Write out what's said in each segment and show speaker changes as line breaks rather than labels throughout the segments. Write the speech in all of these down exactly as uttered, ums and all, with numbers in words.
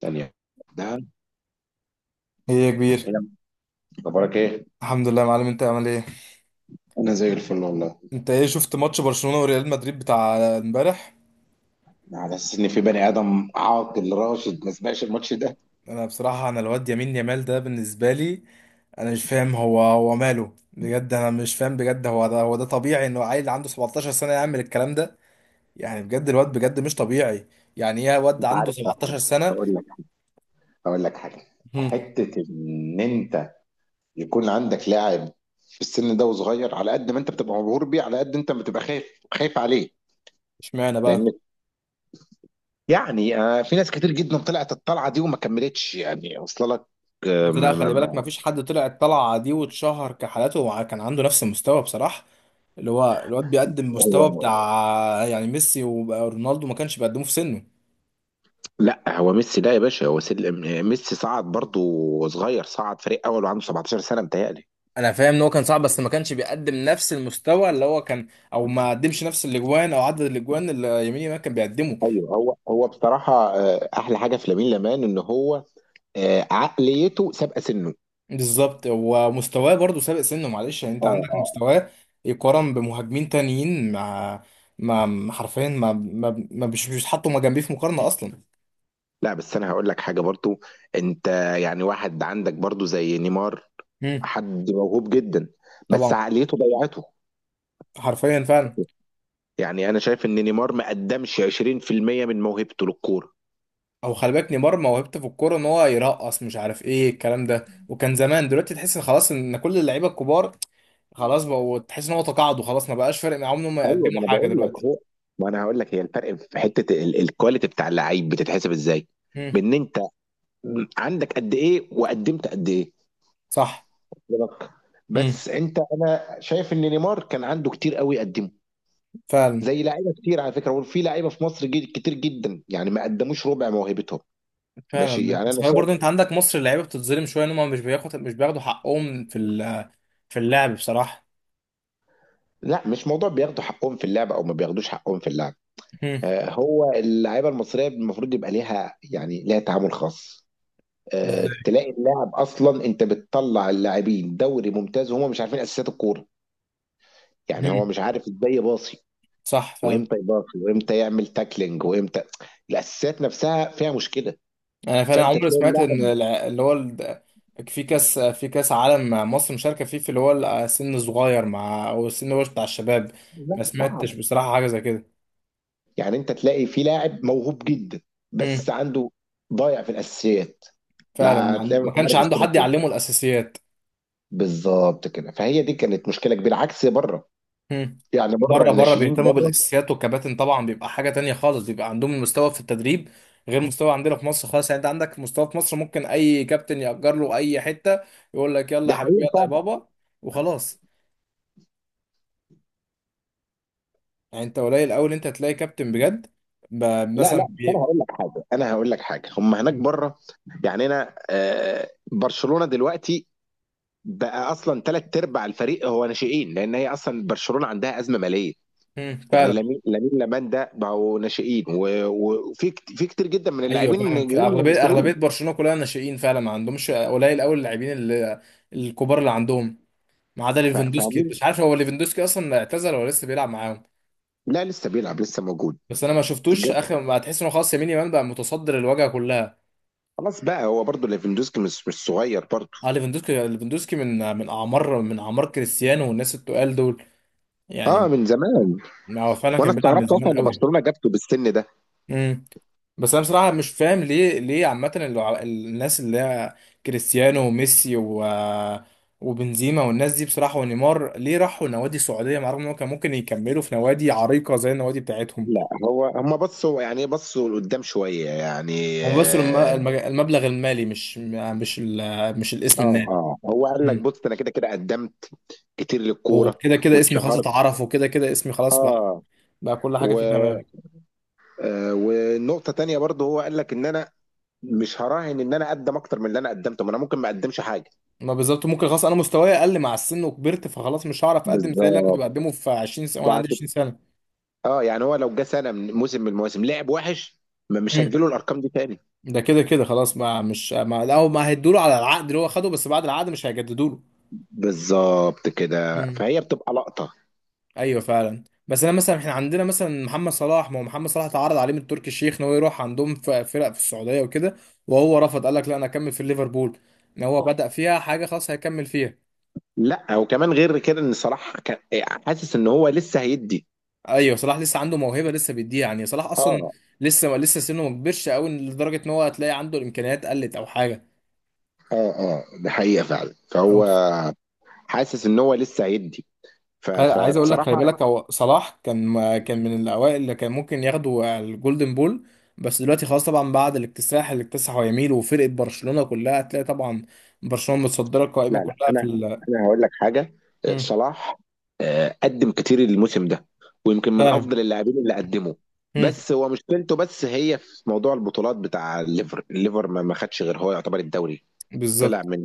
ثانية ده
ايه يا كبير.
إيه يا عم؟ اخبارك ايه؟
الحمد لله يا معلم، انت عامل ايه؟
انا زي الفل والله.
انت ايه شفت ماتش برشلونة وريال مدريد بتاع امبارح؟
على اساس ان في بني ادم عاقل راشد ما سمعش الماتش ده.
انا بصراحة، انا الواد يمين يامال ده بالنسبة لي، انا مش فاهم هو هو ماله بجد. انا مش فاهم بجد، هو ده هو ده طبيعي انه عيل عنده 17 سنة يعمل الكلام ده؟ يعني بجد الواد بجد مش طبيعي. يعني ايه واد
انت
عنده
عارف أنا،
17 سنة؟
هقول لك هقول لك حاجة.
هم،
حتة ان انت يكون عندك لاعب في السن ده وصغير، على قد ما انت بتبقى مبهور بيه على قد انت بتبقى خايف، خايف عليه.
اشمعنى بقى؟
لان يعني آه في ناس كتير جدا طلعت الطلعة دي وما كملتش، يعني وصل لك. آه
بس لا،
ما ما
خلي بالك
ما
مفيش حد طلع الطلعة دي واتشهر كحالاته وكان عنده نفس المستوى بصراحة. اللي هو الواد بيقدم مستوى
هو
بتاع يعني ميسي ورونالدو ما كانش بيقدموه في سنه.
لا هو ميسي ده يا باشا، هو سل... ميسي صعد برضو صغير، صعد فريق اول وعنده سبعتاشر سنه متهيألي.
انا فاهم ان هو كان صعب، بس ما كانش بيقدم نفس المستوى اللي هو كان، او ما قدمش نفس الاجوان او عدد الاجوان اللي يمين يامال كان بيقدمه.
ايوه، هو هو بصراحه آه، احلى حاجه في لامين يامال ان هو آه، عقليته سابقه سنه.
بالظبط، ومستواه برضه سابق سنه، معلش يعني انت
اه،
عندك
اه.
مستواه يقارن بمهاجمين تانيين، مع ما حرفيا ما ما ما- مش مش بيتحطوا ما جنبيه في مقارنه اصلا.
لا بس انا هقول لك حاجه برضو. انت يعني واحد عندك برضو زي نيمار،
امم.
حد موهوب جدا بس
طبعا،
عقليته ضيعته.
حرفيا فعلا.
يعني انا شايف ان نيمار ما قدمش عشرين في المية من موهبته للكوره.
او خلي بالك، نيمار موهبته في الكوره ان هو يرقص، مش عارف ايه الكلام ده، وكان زمان. دلوقتي تحس ان خلاص، ان كل اللعيبه الكبار خلاص بقوا، تحس ان هو تقاعدوا، خلاص ما بقاش فارق معاهم ان هم
ايوه، ما
يقدموا
انا
حاجه
بقول لك
دلوقتي.
هو، ما انا هقول لك، هي الفرق في حته ال- الكواليتي بتاع اللعيب بتتحسب ازاي؟
امم،
بان انت عندك قد ايه وقدمت قد ايه.
صح.
بالظبط.
امم.
بس انت انا شايف ان نيمار كان عنده كتير قوي يقدمه،
فعلا.
زي لعيبه كتير على فكره، وفي لعيبه في مصر جد كتير جدا يعني ما قدموش ربع موهبتهم. ماشي،
فعلا،
يعني
بس
انا
خلي برضه،
شايف.
انت عندك مصر اللعيبه بتتظلم شويه، ان هم مش بياخد مش بياخدوا حقهم في ال- في اللعب بصراحه.
لا، مش موضوع بياخدوا حقهم في اللعب او ما بياخدوش حقهم في اللعب.
امم.
آه، هو اللعيبه المصريه المفروض يبقى ليها، يعني ليها تعامل خاص. آه،
ازاي؟
تلاقي اللاعب اصلا انت بتطلع اللاعبين دوري ممتاز وهم مش عارفين اساسيات الكوره. يعني هو
امم.
مش عارف ازاي يباصي
صح.
وامتى يباصي وامتى يعمل تاكلينج وامتى. الاساسيات نفسها فيها مشكله.
انا فعلا
فانت
عمري
تلاقي
سمعت ان
اللاعب.
الع- اللي هو ال- في كاس في كاس عالم مصر مشاركه فيه، في اللي هو السن الصغير، مع، او السن اللي هو بتاع الشباب.
لا،
ما
صعب.
سمعتش بصراحه حاجه زي كده.
يعني انت تلاقي في لاعب موهوب جدا بس
هم.
عنده، ضايع في الاساسيات.
فعلا، ما
لا،
عن-
تلاقي مش
ما كانش
عارف
عنده
يستلم
حد
فوق.
يعلمه الاساسيات.
بالظبط كده، فهي دي كانت مشكله كبيره عكس بره.
هم.
يعني بره
بره، بره
الناشئين
بيهتموا
بره.
بالاساسيات، والكباتن طبعا بيبقى حاجه تانية خالص، بيبقى عندهم المستوى في التدريب غير مستوى عندنا في مصر خالص. يعني انت عندك مستوى في مصر ممكن اي كابتن يأجر له اي حته، يقول لك يلا
ده
يا حبيبي يلا يا
حقيقه.
بابا، وخلاص. يعني انت قليل قوي ان انت هتلاقي كابتن بجد، ب-
لا
مثلا
لا، بس انا
بي...
هقول لك حاجه انا هقول لك حاجه هم هناك بره. يعني انا آه، برشلونه دلوقتي بقى اصلا ثلاث ارباع الفريق هو ناشئين، لان هي اصلا برشلونه عندها ازمه ماليه.
مم.
يعني
فعلا.
لامين لامين لامال ده بقوا ناشئين و- و- وفي كت- في كتير جدا من
ايوه
اللاعبين
فعلا، في
جايين
اغلبيه اغلبيه
ناشئين.
برشلونه كلها ناشئين فعلا، ما عندهمش، قليل قوي اللاعبين اللي... الكبار اللي عندهم، ما عدا
ف-
ليفاندوسكي.
فاهمين
مش عارف هو ليفاندوسكي اصلا اعتزل ولا لسه بيلعب معاهم.
لا لسه بيلعب، لسه موجود.
بس انا ما شفتوش
بجد.
اخر، ما هتحس انه خلاص يمين يمان بقى متصدر الواجهه كلها.
خلاص بقى هو برضه ليفاندوسكي مش مش صغير برضه.
اه، ليفاندوسكي ليفاندوسكي من من اعمار من اعمار كريستيانو والناس التقال دول.
اه،
يعني
من زمان.
هو فعلا
وانا
كان بيلعب من
استغربت
زمان
اصلا ان
قوي.
برشلونه جابته بالسن ده.
امم. بس انا بصراحه مش فاهم، ليه ليه عامه اللع- الناس اللي هي كريستيانو وميسي و وبنزيما والناس دي بصراحه ونيمار، ليه راحوا نوادي سعوديه مع، رغم ان هم كان ممكن يكملوا في نوادي عريقه زي النوادي بتاعتهم؟
لا هو هم بصوا، يعني إيه، بصوا لقدام شويه يعني.
هم، بس الم-
اه.
المج- المبلغ المالي، مش مش ال- مش الاسم
اه
النادي.
آه. هو قال لك
امم.
بص انا كده كده قدمت كتير للكوره
وكده كده كده اسمي خلاص
واتشهرت.
اتعرف، وكده كده اسمي خلاص بقى،
اه.
بقى كل
و
حاجه فيه تمام.
آه والنقطه تانية برضه، هو قال لك ان انا مش هراهن ان انا اقدم اكتر من اللي انا قدمته، ما انا ممكن ما اقدمش حاجه.
ما بالظبط، ممكن خلاص انا مستواي اقل مع السن وكبرت، فخلاص مش هعرف اقدم زي اللي انا كنت
بالظبط.
بقدمه في 20 سنه وانا عندي
فهت-
20 سنه.
اه، يعني هو لو جه سنه من موسم من المواسم لعب وحش، ما مش هتجيله الارقام دي تاني.
ده كده كده خلاص، ما مش ما لا هم هيدوا له على العقد اللي هو خده، بس بعد العقد مش هيجددوا له.
بالظبط كده،
مم.
فهي بتبقى لقطه.
ايوه فعلا. بس انا مثلا احنا عندنا مثلا محمد صلاح، ما هو محمد صلاح اتعرض عليه من تركي الشيخ ان هو يروح عندهم في فرق في السعوديه وكده، وهو رفض، قال لك لا انا اكمل في ليفربول، ان هو بدأ فيها حاجه خلاص هيكمل فيها.
لا وكمان غير كده ان صلاح كان إيه، حاسس ان هو لسه هيدي.
ايوه، صلاح لسه عنده موهبه، لسه بيديها يعني. صلاح اصلا
اه،
لسه لسه سنه ما كبرش قوي لدرجه ان هو هتلاقي عنده الامكانيات قلت او حاجه.
اه، اه، ده حقيقة فعلا، فهو حاسس ان هو لسه هيدي. ف-
خل- عايز اقول لك، خلي
فبصراحة.
بالك هو صلاح كان كان من الاوائل اللي كان ممكن ياخدوا الجولدن بول. بس دلوقتي خلاص طبعا، بعد الاكتساح اللي اكتسحه يميل وفرقه برشلونه كلها، هتلاقي طبعا برشلونه متصدره القائمه
لا لا،
كلها في
انا
ال
انا هقول لك حاجة. آه،
مم.
صلاح آه، قدم كتير الموسم ده، ويمكن من
فعلا.
افضل اللاعبين اللي قدمه.
مم.
بس هو مشكلته، بس هي في موضوع البطولات بتاع الليفر الليفر، ما ما خدش غير هو يعتبر الدوري. طلع
بالظبط.
من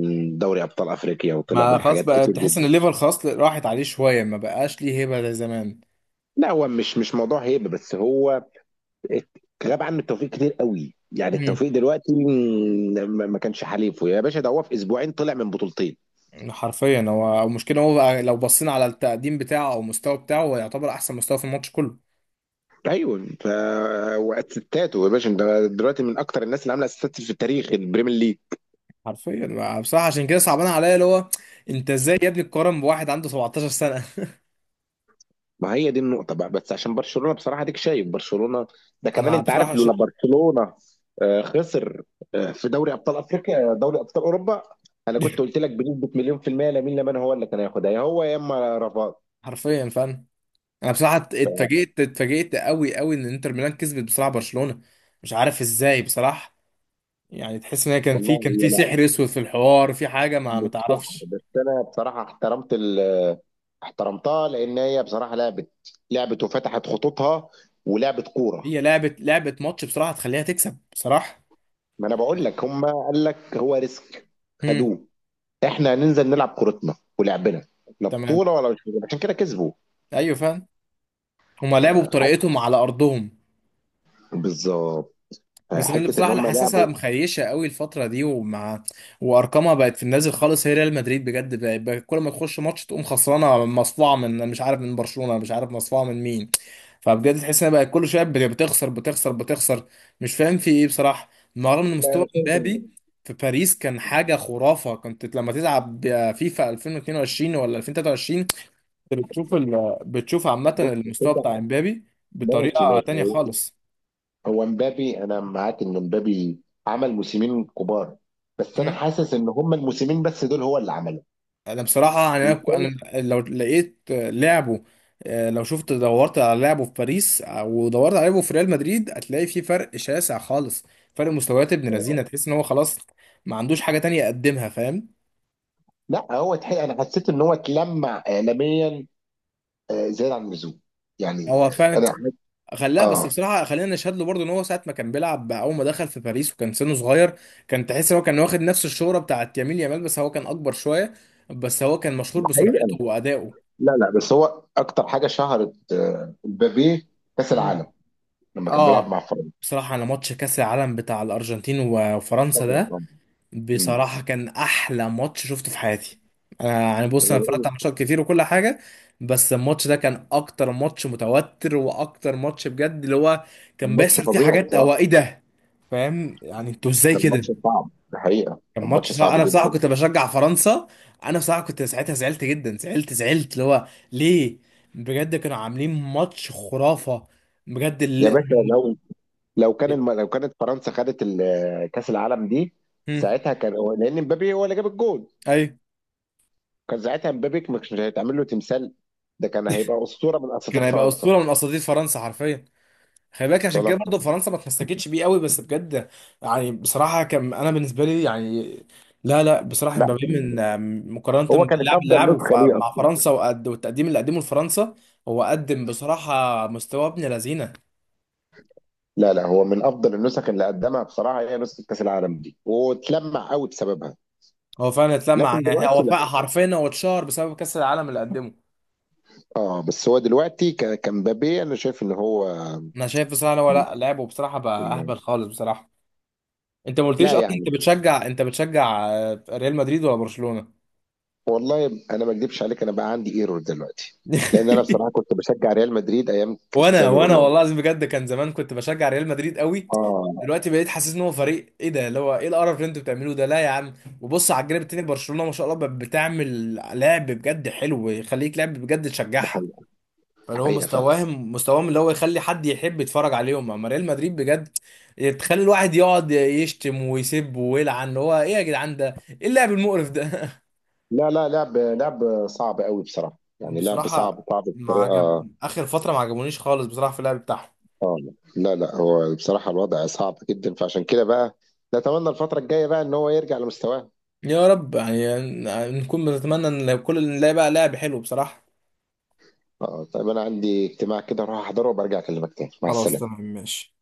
من دوري ابطال افريقيا، وطلع
ما
من
خلاص
حاجات
بقى
كتير
تحس ان
جدا.
الليفر خلاص راحت عليه شويه، ما بقاش ليه هيبه زي زمان.
لا هو، مش مش موضوع هيبه، بس هو الكلام عنه التوفيق كتير قوي. يعني
مم.
التوفيق دلوقتي م- ما ما كانش حليفه يا باشا، ده هو في اسبوعين طلع من بطولتين.
حرفيا، هو المشكله هو بقى لو بصينا على التقديم بتاعه او المستوى بتاعه، هو يعتبر احسن مستوى في الماتش كله.
ايوه، ف، واسيستاته يا باشا ده دلوقتي من اكتر الناس اللي عامله اسيستات في التاريخ البريمير ليج.
حرفيا ما- بصراحه عشان كده صعبان عليا، اللي هو انت ازاي يا ابني تقارن بواحد عنده 17 سنه؟
ما هي دي النقطه بقى، بس عشان برشلونه بصراحه ديك، شايف برشلونه؟ ده كمان
انا
انت
بصراحه
عارف
ش...
لولا برشلونه آه، خسر آه، في دوري ابطال افريقيا، دوري ابطال اوروبا. انا كنت قلت لك بنسبه مليون في الميه لامين يامال هو اللي كان هياخدها، يا هو يا اما رافات.
حرفيا فعلا. انا بصراحه ات- اتفاجئت اتفاجئت قوي قوي ان انتر ميلان كسبت بصراحه برشلونه. مش عارف ازاي بصراحه. يعني تحس ان هي، كان في
والله.
كان في سحر اسود في الحوار، في حاجه ما ما
مش شعر،
تعرفش.
بس انا بصراحه احترمت ال احترمتها لان هي بصراحه لعبت، لعبت وفتحت خطوطها ولعبت كوره.
هي لعبه لعبه ماتش بصراحه تخليها تكسب بصراحه.
ما انا بقول لك، هم قال لك هو ريسك،
هم.
خدوه. احنا هننزل نلعب كورتنا ولعبنا، لا
تمام.
بطوله ولا مش بطولة. عشان كده كسبوا.
ايوه فعلا. هما لعبوا بطريقتهم على ارضهم.
بالظبط.
بس انا اللي
حته ان
بصراحه اللي
هم
حاسسها
لعبوا.
مخيشه قوي الفتره دي، ومع، وارقامها بقت في النازل خالص، هي ريال مدريد بجد بقت بقت كل ما تخش ماتش تقوم خسرانه، مصفوعه من مش عارف، من برشلونه، مش عارف مصفوعه من مين. فبجد تحس انها بقت كل شويه بت- بتخسر بتخسر بتخسر. مش فاهم في ايه بصراحه. رغم ان
لا
مستوى
انا شايف ان،
مبابي في باريس كان حاجه خرافه، كنت لما تلعب فيفا ألفين واتنين وعشرين ولا ألفين وتلاته وعشرين بتشوف ال... بتشوف عامه
بص
المستوى
كده.
بتاع مبابي
ماشي
بطريقه
ماشي،
تانيه
هو
خالص.
هو مبابي، انا معاك ان مبابي عمل موسمين كبار، بس انا حاسس ان هم الموسمين بس دول هو اللي
انا بصراحه يعني
عملهم.
انا، أنا لو لقيت لعبه، آه، لو شفت دورت على لعبه في باريس ودورت على لعبه في ريال مدريد، هتلاقي في فرق شاسع خالص. فرق مستويات ابن
آه.
لذينه، تحس ان هو خلاص ما عندوش حاجه تانية يقدمها، فاهم؟
لا هو تحقيق، انا حسيت ان هو اتلمع اعلاميا آه، زيادة عن اللزوم. يعني
هو
آه،
فعلا
انا،
خلاه. بس
اه،
بصراحه خلينا نشهد له برضه، ان هو ساعه ما كان بيلعب اول ما دخل في باريس وكان سنه صغير، كان تحس ان هو كان واخد نفس الشهره بتاعت يمين يامال، بس هو كان اكبر شويه. بس هو كان مشهور
ده
بسرعته
حقيقة.
وادائه.
لا لا بس هو اكتر حاجة شهرت آه، مبابي، كاس العالم لما كان بيلعب مع
اه.
فرنسا.
بصراحة، أنا ماتش كأس العالم بتاع الأرجنتين و- وفرنسا ده،
آه. مم.
بصراحة كان أحلى ماتش شفته في حياتي. أنا يعني،
أنا
بص، أنا اتفرجت
بقول،
على ماتشات كتير وكل حاجة، بس الماتش ده كان أكتر ماتش متوتر وأكتر ماتش بجد، اللي هو
كان
كان
ماتش
بيحصل فيه
فظيع
حاجات، هو
بصراحة.
إيه ده! فاهم يعني أنتوا إزاي
كان
كده؟
ماتش صعب، ده حقيقة
كان
كان
ماتش
ماتش
صعب،
صعب
أنا بصراحة
جدا.
كنت بشجع فرنسا. أنا بصراحة كنت ساعتها زعلت جدا، زعلت زعلت اللي هو ليه. بجد كانوا عاملين ماتش خرافة. بجد.
يا باشا، لو لو كان
اللي...
الم... لو كانت فرنسا خدت ال- كاس العالم دي، ساعتها كان هو- لان مبابي هو اللي جاب الجول،
ايوه،
كان ساعتها مبابي مش هيتعمل له تمثال، ده كان هيبقى اسطوره من
كان
اساطير
هيبقى
فرنسا.
اسطوره من اساطير فرنسا حرفيا. خلي بالك عشان
وصل
كده
لك؟
برضه فرنسا ما اتمسكتش بيه قوي، بس بجد، يعني بصراحه كان، انا بالنسبه لي يعني، لا لا بصراحه،
لا
مبابي
كان،
من مقارنه
هو كانت
باللاعب اللي
افضل
لعبه ف-
نسخه ليه
مع
اصلا.
فرنسا، وقد والتقديم اللي قدمه لفرنسا، هو قدم بصراحه مستوى ابن لذينه.
لا لا، هو من افضل النسخ اللي قدمها بصراحه هي نسخه كاس العالم دي، واتلمع قوي بسببها.
هو فعلا اتلمع،
لكن
يعني
دلوقتي
هو
لا.
فعلا حرفيا هو اتشهر بسبب كاس العالم اللي قدمه.
اه، بس هو دلوقتي ك- كمبابي انا شايف ان هو.
انا شايف بصراحه إن هو، لا، لعبه بصراحه بقى اهبل خالص بصراحه. انت ما قلتليش
لا
اصلا انت
يعني
بتشجع، انت بتشجع آه، ريال مدريد ولا برشلونه؟
والله، انا ما اكذبش عليك، انا بقى عندي ايرور دلوقتي. لان انا بصراحه كنت بشجع ريال مدريد ايام
وانا
كريستيانو
وانا
رونالدو.
والله العظيم، بجد كان زمان كنت بشجع ريال مدريد قوي.
اه،
دلوقتي بقيت حاسس ان هو فريق، ايه ده اللي هو، ايه القرف اللي انتوا بتعملوه ده؟ لا يا عم. وبص على الجانب التاني، برشلونة ما شاء الله ب- بتعمل لعب بجد حلو يخليك، لعب بجد
ده
تشجعها.
حقيقه. ده
فاللي هو
حقيقه فعلا.
مستواهم مستواهم اللي هو يخلي حد يحب يتفرج عليهم. اما ريال مدريد بجد تخلي الواحد يقعد يشتم ويسب ويلعن، اللي هو ايه يا جدعان ده! ايه اللعب المقرف ده!
لا لا، لعب، لعب صعب قوي بصراحة، يعني لعب صعب،
بصراحة،
صعب
ما
بطريقة.
عجب اخر فترة ما عجبونيش خالص بصراحة في اللعب بتاعهم.
اه. لا لا هو بصراحة الوضع صعب جدا، فعشان كده بقى نتمنى الفترة الجاية بقى ان هو يرجع لمستواه.
يا رب يعني، نكون بنتمنى ان كل نلاقي بقى لاعب حلو بصراحة.
اه طيب، انا عندي اجتماع كده اروح احضره، وبرجع اكلمك تاني. مع
خلاص
السلامة.
تمام، ماشي.